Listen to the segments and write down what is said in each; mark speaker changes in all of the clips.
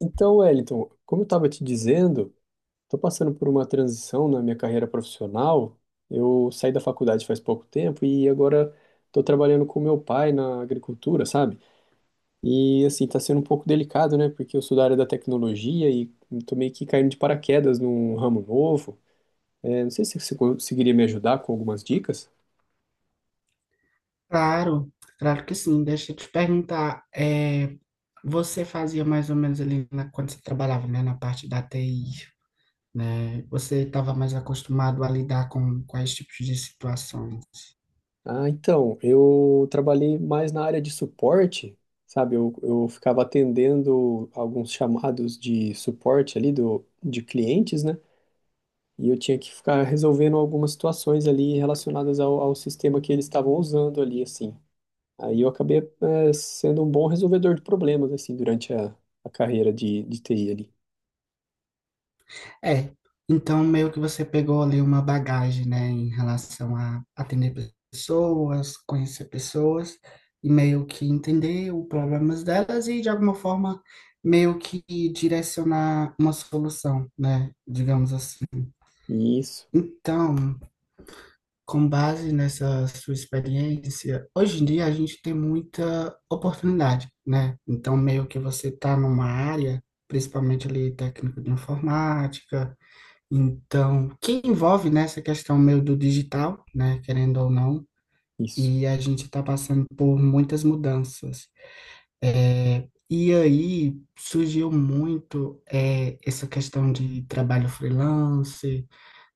Speaker 1: Então, Wellington, como eu estava te dizendo, estou passando por uma transição na minha carreira profissional. Eu saí da faculdade faz pouco tempo e agora estou trabalhando com meu pai na agricultura, sabe? E assim, está sendo um pouco delicado, né? Porque eu sou da área da tecnologia e estou meio que caindo de paraquedas num ramo novo. É, não sei se você conseguiria me ajudar com algumas dicas.
Speaker 2: Claro, claro que sim. Deixa eu te perguntar, você fazia mais ou menos ali na- quando você trabalhava, né, na parte da TI, né? Você estava mais acostumado a lidar com quais tipos de situações?
Speaker 1: Ah, então, eu trabalhei mais na área de suporte, sabe? Eu ficava atendendo alguns chamados de suporte ali do, de clientes, né? E eu tinha que ficar resolvendo algumas situações ali relacionadas ao, ao sistema que eles estavam usando ali, assim. Aí eu acabei, sendo um bom resolvedor de problemas, assim, durante a carreira de TI ali.
Speaker 2: É, então meio que você pegou ali uma bagagem, né, em relação a atender pessoas, conhecer pessoas e meio que entender os problemas delas e de alguma forma meio que direcionar uma solução, né, digamos assim.
Speaker 1: Isso,
Speaker 2: Então, com base nessa sua experiência, hoje em dia a gente tem muita oportunidade, né? Então, meio que você está numa área, principalmente ali técnico de informática, então, que envolve nessa questão meio do digital, né? Querendo ou não,
Speaker 1: isso.
Speaker 2: e a gente está passando por muitas mudanças. E aí surgiu muito essa questão de trabalho freelance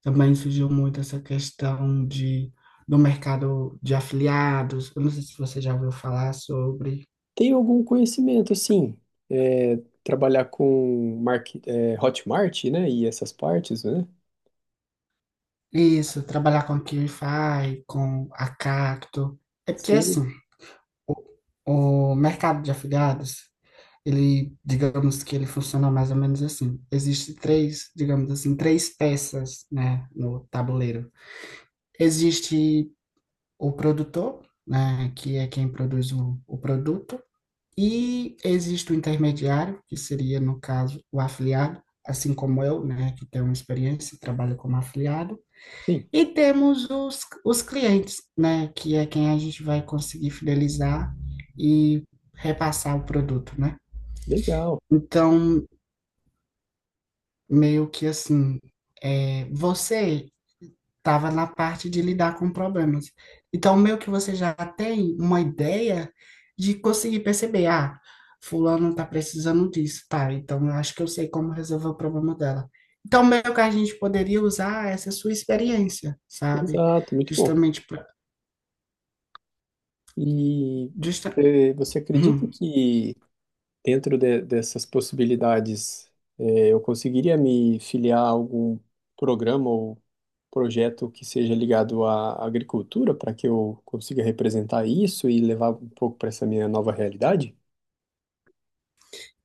Speaker 2: também surgiu muito essa questão de, do mercado de afiliados. Eu não sei se você já ouviu falar sobre
Speaker 1: Tem algum conhecimento, assim. É, trabalhar com market, Hotmart, né? E essas partes, né?
Speaker 2: isso, trabalhar com a Qlify, com a Cacto. É porque,
Speaker 1: Sim,
Speaker 2: assim, o mercado de afiliados, ele, digamos que ele funciona mais ou menos assim. Existe três, digamos assim, três peças, né, no tabuleiro. Existe o produtor, né, que é quem produz o produto. E existe o intermediário, que seria, no caso, o afiliado, assim como eu, né, que tem uma experiência e trabalha como afiliado.
Speaker 1: sim,
Speaker 2: E temos os clientes, né, que é quem a gente vai conseguir fidelizar e repassar o produto, né?
Speaker 1: legal,
Speaker 2: Então, meio que assim, você estava na parte de lidar com problemas. Então, meio que você já tem uma ideia de conseguir perceber, ah, fulano está precisando disso, tá? Então, eu acho que eu sei como resolver o problema dela. Então, meio que a gente poderia usar essa sua experiência, sabe?
Speaker 1: exato, muito bom.
Speaker 2: Justamente para
Speaker 1: E
Speaker 2: justa
Speaker 1: você acredita que dessas possibilidades eu conseguiria me filiar a algum programa ou projeto que seja ligado à agricultura para que eu consiga representar isso e levar um pouco para essa minha nova realidade?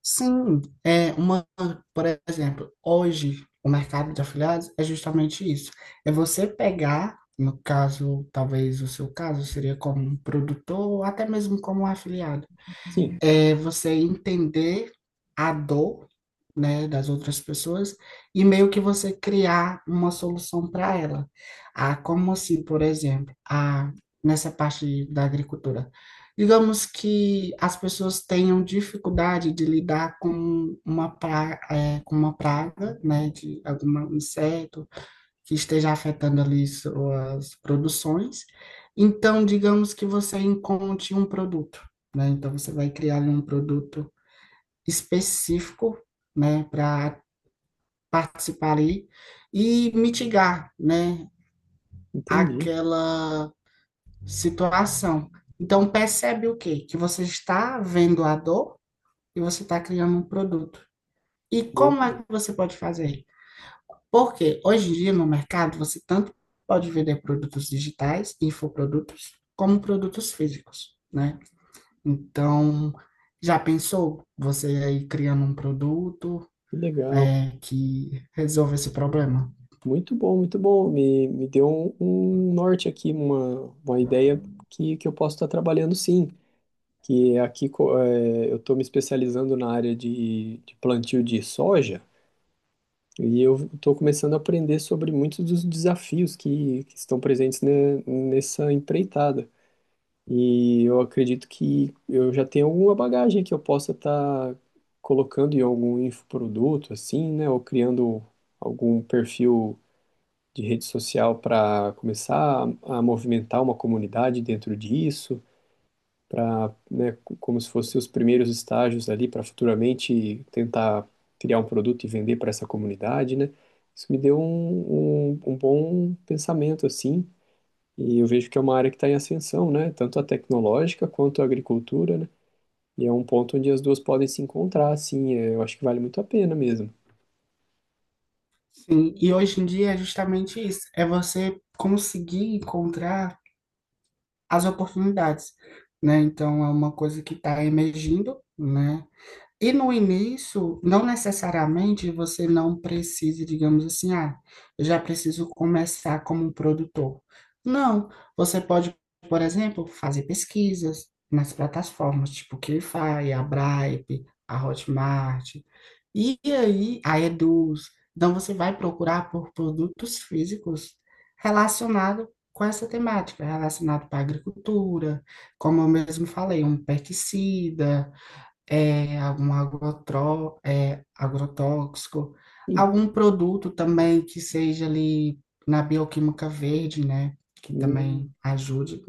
Speaker 2: sim, é uma, por exemplo, hoje o mercado de afiliados é justamente isso. É você pegar, no caso, talvez o seu caso seria como um produtor, ou até mesmo como um afiliado,
Speaker 1: Sim,
Speaker 2: é você entender a dor, né, das outras pessoas e meio que você criar uma solução para ela. Ah, como assim, por exemplo, nessa parte da agricultura, digamos que as pessoas tenham dificuldade de lidar com uma praga, com uma praga, né, de algum inseto que esteja afetando ali suas produções. Então, digamos que você encontre um produto, então, você vai criar um produto específico, né, para participar ali e mitigar, né,
Speaker 1: entendi.
Speaker 2: aquela situação. Então, percebe o quê? Que você está vendo a dor e você está criando um produto. E como
Speaker 1: Muito
Speaker 2: é
Speaker 1: bom,
Speaker 2: que você pode fazer? Porque hoje em dia no mercado você tanto pode vender produtos digitais, infoprodutos, como produtos físicos, né? Então, já pensou você aí criando um produto
Speaker 1: que legal.
Speaker 2: que resolve esse problema.
Speaker 1: Muito bom, muito bom. Me deu um, um norte aqui, uma ideia que eu posso estar trabalhando sim. Que é, eu estou me especializando na área de plantio de soja e eu estou começando a aprender sobre muitos dos desafios que estão presentes nessa empreitada. E eu acredito que eu já tenho alguma bagagem que eu possa estar colocando em algum infoproduto, assim, né? Ou criando algum perfil de rede social para começar a movimentar uma comunidade dentro disso para, né, como se fossem os primeiros estágios ali para futuramente tentar criar um produto e vender para essa comunidade, né? Isso me deu um, um, um bom pensamento, assim, e eu vejo que é uma área que está em ascensão, né? Tanto a tecnológica quanto a agricultura, né? E é um ponto onde as duas podem se encontrar, assim, é, eu acho que vale muito a pena mesmo.
Speaker 2: Sim, e hoje em dia é justamente isso, é você conseguir encontrar as oportunidades, né? Então é uma coisa que está emergindo, né? E no início, não necessariamente você não precisa, digamos assim, ah, eu já preciso começar como um produtor. Não, você pode, por exemplo, fazer pesquisas nas plataformas, tipo QuiFi, a Bripe, a Hotmart, e aí, a Eduz. Então você vai procurar por produtos físicos relacionados com essa temática, relacionado para a agricultura, como eu mesmo falei, um pesticida, algum agrotró, agrotóxico,
Speaker 1: Sim,
Speaker 2: algum produto também que seja ali na bioquímica verde, né? Que também
Speaker 1: hum,
Speaker 2: ajude,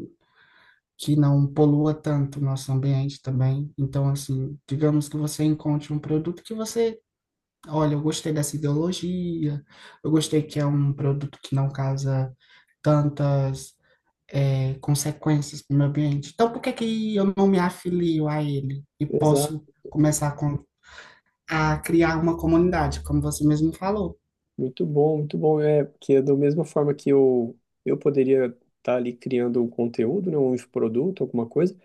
Speaker 2: que não polua tanto o nosso ambiente também. Então, assim, digamos que você encontre um produto que você, olha, eu gostei dessa ideologia, eu gostei que é um produto que não causa tantas consequências para o meio ambiente. Então, por que que eu não me afilio a ele e
Speaker 1: exato,
Speaker 2: posso começar com- a criar uma comunidade, como você mesmo falou?
Speaker 1: muito bom, muito bom. É, que é da mesma forma que eu poderia estar ali criando um conteúdo, né, um infoproduto, alguma coisa,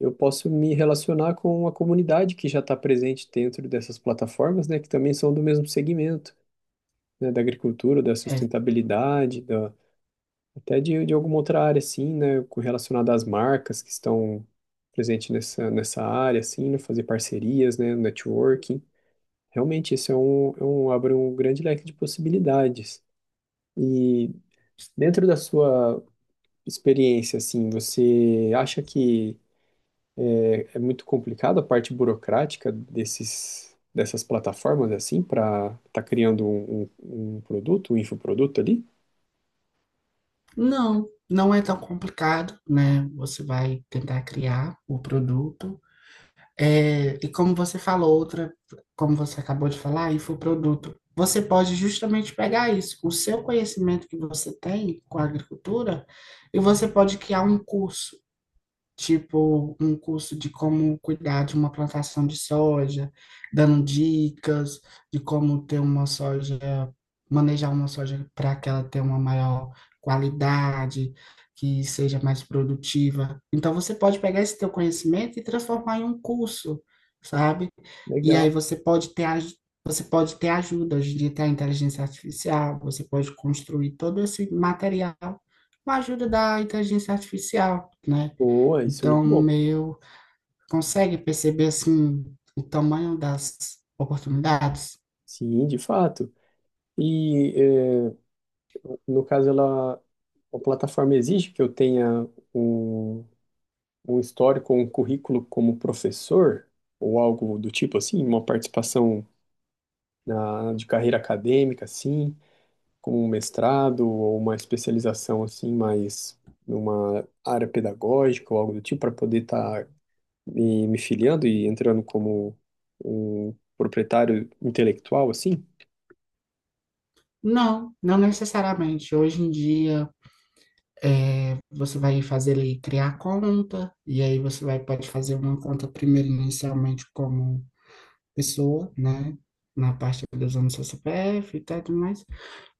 Speaker 1: eu posso me relacionar com a comunidade que já está presente dentro dessas plataformas, né, que também são do mesmo segmento, né, da agricultura, da
Speaker 2: É,
Speaker 1: sustentabilidade, da, até de alguma outra área, assim, né, relacionada às marcas que estão presentes nessa, nessa área, assim, né, fazer parcerias, né, networking. Realmente, isso é um, abre um grande leque de possibilidades. E dentro da sua experiência, assim, você acha que é muito complicado a parte burocrática desses, dessas plataformas assim para estar tá criando um, um, um produto, um infoproduto ali?
Speaker 2: não, não é tão complicado, né? Você vai tentar criar o produto. É, e como você falou, outra, como você acabou de falar, infoproduto. Você pode justamente pegar isso, o seu conhecimento que você tem com a agricultura, e você pode criar um curso, tipo um curso de como cuidar de uma plantação de soja, dando dicas de como ter uma soja, manejar uma soja para que ela tenha uma maior qualidade, que seja mais produtiva. Então você pode pegar esse teu conhecimento e transformar em um curso, sabe? E aí
Speaker 1: Legal.
Speaker 2: você pode ter aj- Você pode ter ajuda, hoje em dia tem a inteligência artificial, você pode construir todo esse material com a ajuda da inteligência artificial, né?
Speaker 1: Boa, isso é
Speaker 2: Então,
Speaker 1: muito bom.
Speaker 2: meu, consegue perceber assim o tamanho das oportunidades?
Speaker 1: Sim, de fato. E é, no caso ela a plataforma exige que eu tenha um, um histórico, um currículo como professor ou algo do tipo assim, uma participação na, de carreira acadêmica assim, como um mestrado ou uma especialização assim, mais numa área pedagógica ou algo do tipo, para poder estar me filiando e entrando como um proprietário intelectual, assim.
Speaker 2: Não, não necessariamente. Hoje em dia, você vai fazer ali, criar conta, e aí você vai, pode fazer uma conta primeiro inicialmente como pessoa, né? Na parte dos anos do seu CPF e tal, e tudo mais.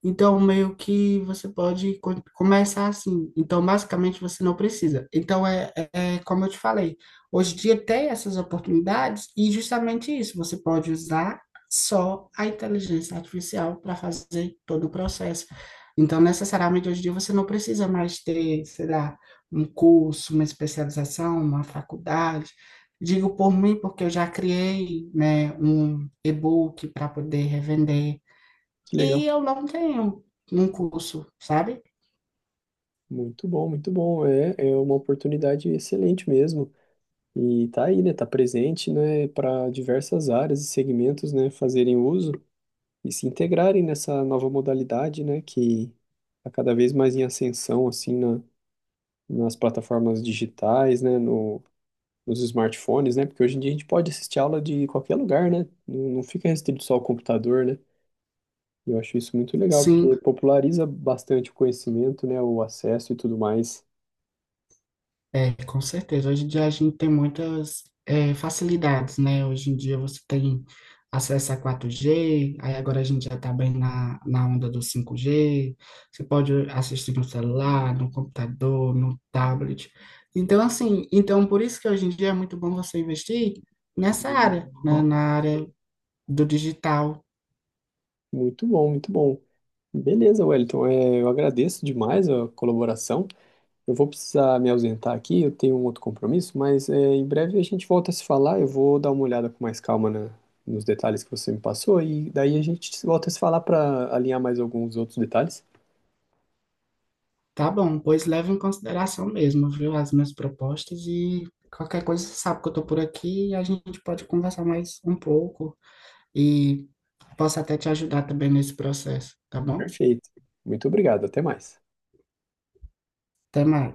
Speaker 2: Então, meio que você pode co- começar assim. Então, basicamente, você não precisa. Então, é é como eu te falei, hoje em dia tem essas oportunidades e justamente isso, você pode usar só a inteligência artificial para fazer todo o processo. Então, necessariamente, hoje em dia você não precisa mais ter, sei lá, um curso, uma especialização, uma faculdade. Digo por mim, porque eu já criei, né, um e-book para poder revender.
Speaker 1: Que legal.
Speaker 2: E eu não tenho um curso, sabe?
Speaker 1: Muito bom, muito bom. É, é uma oportunidade excelente mesmo. E tá aí, né? Tá presente, né? Para diversas áreas e segmentos, né, fazerem uso e se integrarem nessa nova modalidade, né? Que está cada vez mais em ascensão, assim, nas plataformas digitais, né, no, nos smartphones, né, porque hoje em dia a gente pode assistir aula de qualquer lugar, né, não fica restrito só ao computador, né, eu acho isso muito legal,
Speaker 2: Sim,
Speaker 1: porque populariza bastante o conhecimento, né, o acesso e tudo mais.
Speaker 2: com certeza. Hoje em dia a gente tem muitas facilidades, né? Hoje em dia você tem acesso a 4G, aí agora a gente já está bem na, na onda do 5G, você pode assistir no celular, no computador, no tablet. Então, assim, então por isso que hoje em dia é muito bom você investir nessa área, né? Na área do digital.
Speaker 1: Muito bom, muito bom. Beleza, Wellington, é, eu agradeço demais a colaboração. Eu vou precisar me ausentar aqui, eu tenho um outro compromisso, mas é, em breve a gente volta a se falar. Eu vou dar uma olhada com mais calma nos detalhes que você me passou e daí a gente volta a se falar para alinhar mais alguns outros detalhes.
Speaker 2: Tá bom, pois leva em consideração mesmo, viu, as minhas propostas e qualquer coisa você sabe que eu tô por aqui e a gente pode conversar mais um pouco e posso até te ajudar também nesse processo, tá bom?
Speaker 1: Perfeito. Muito obrigado, até mais.
Speaker 2: Até mais.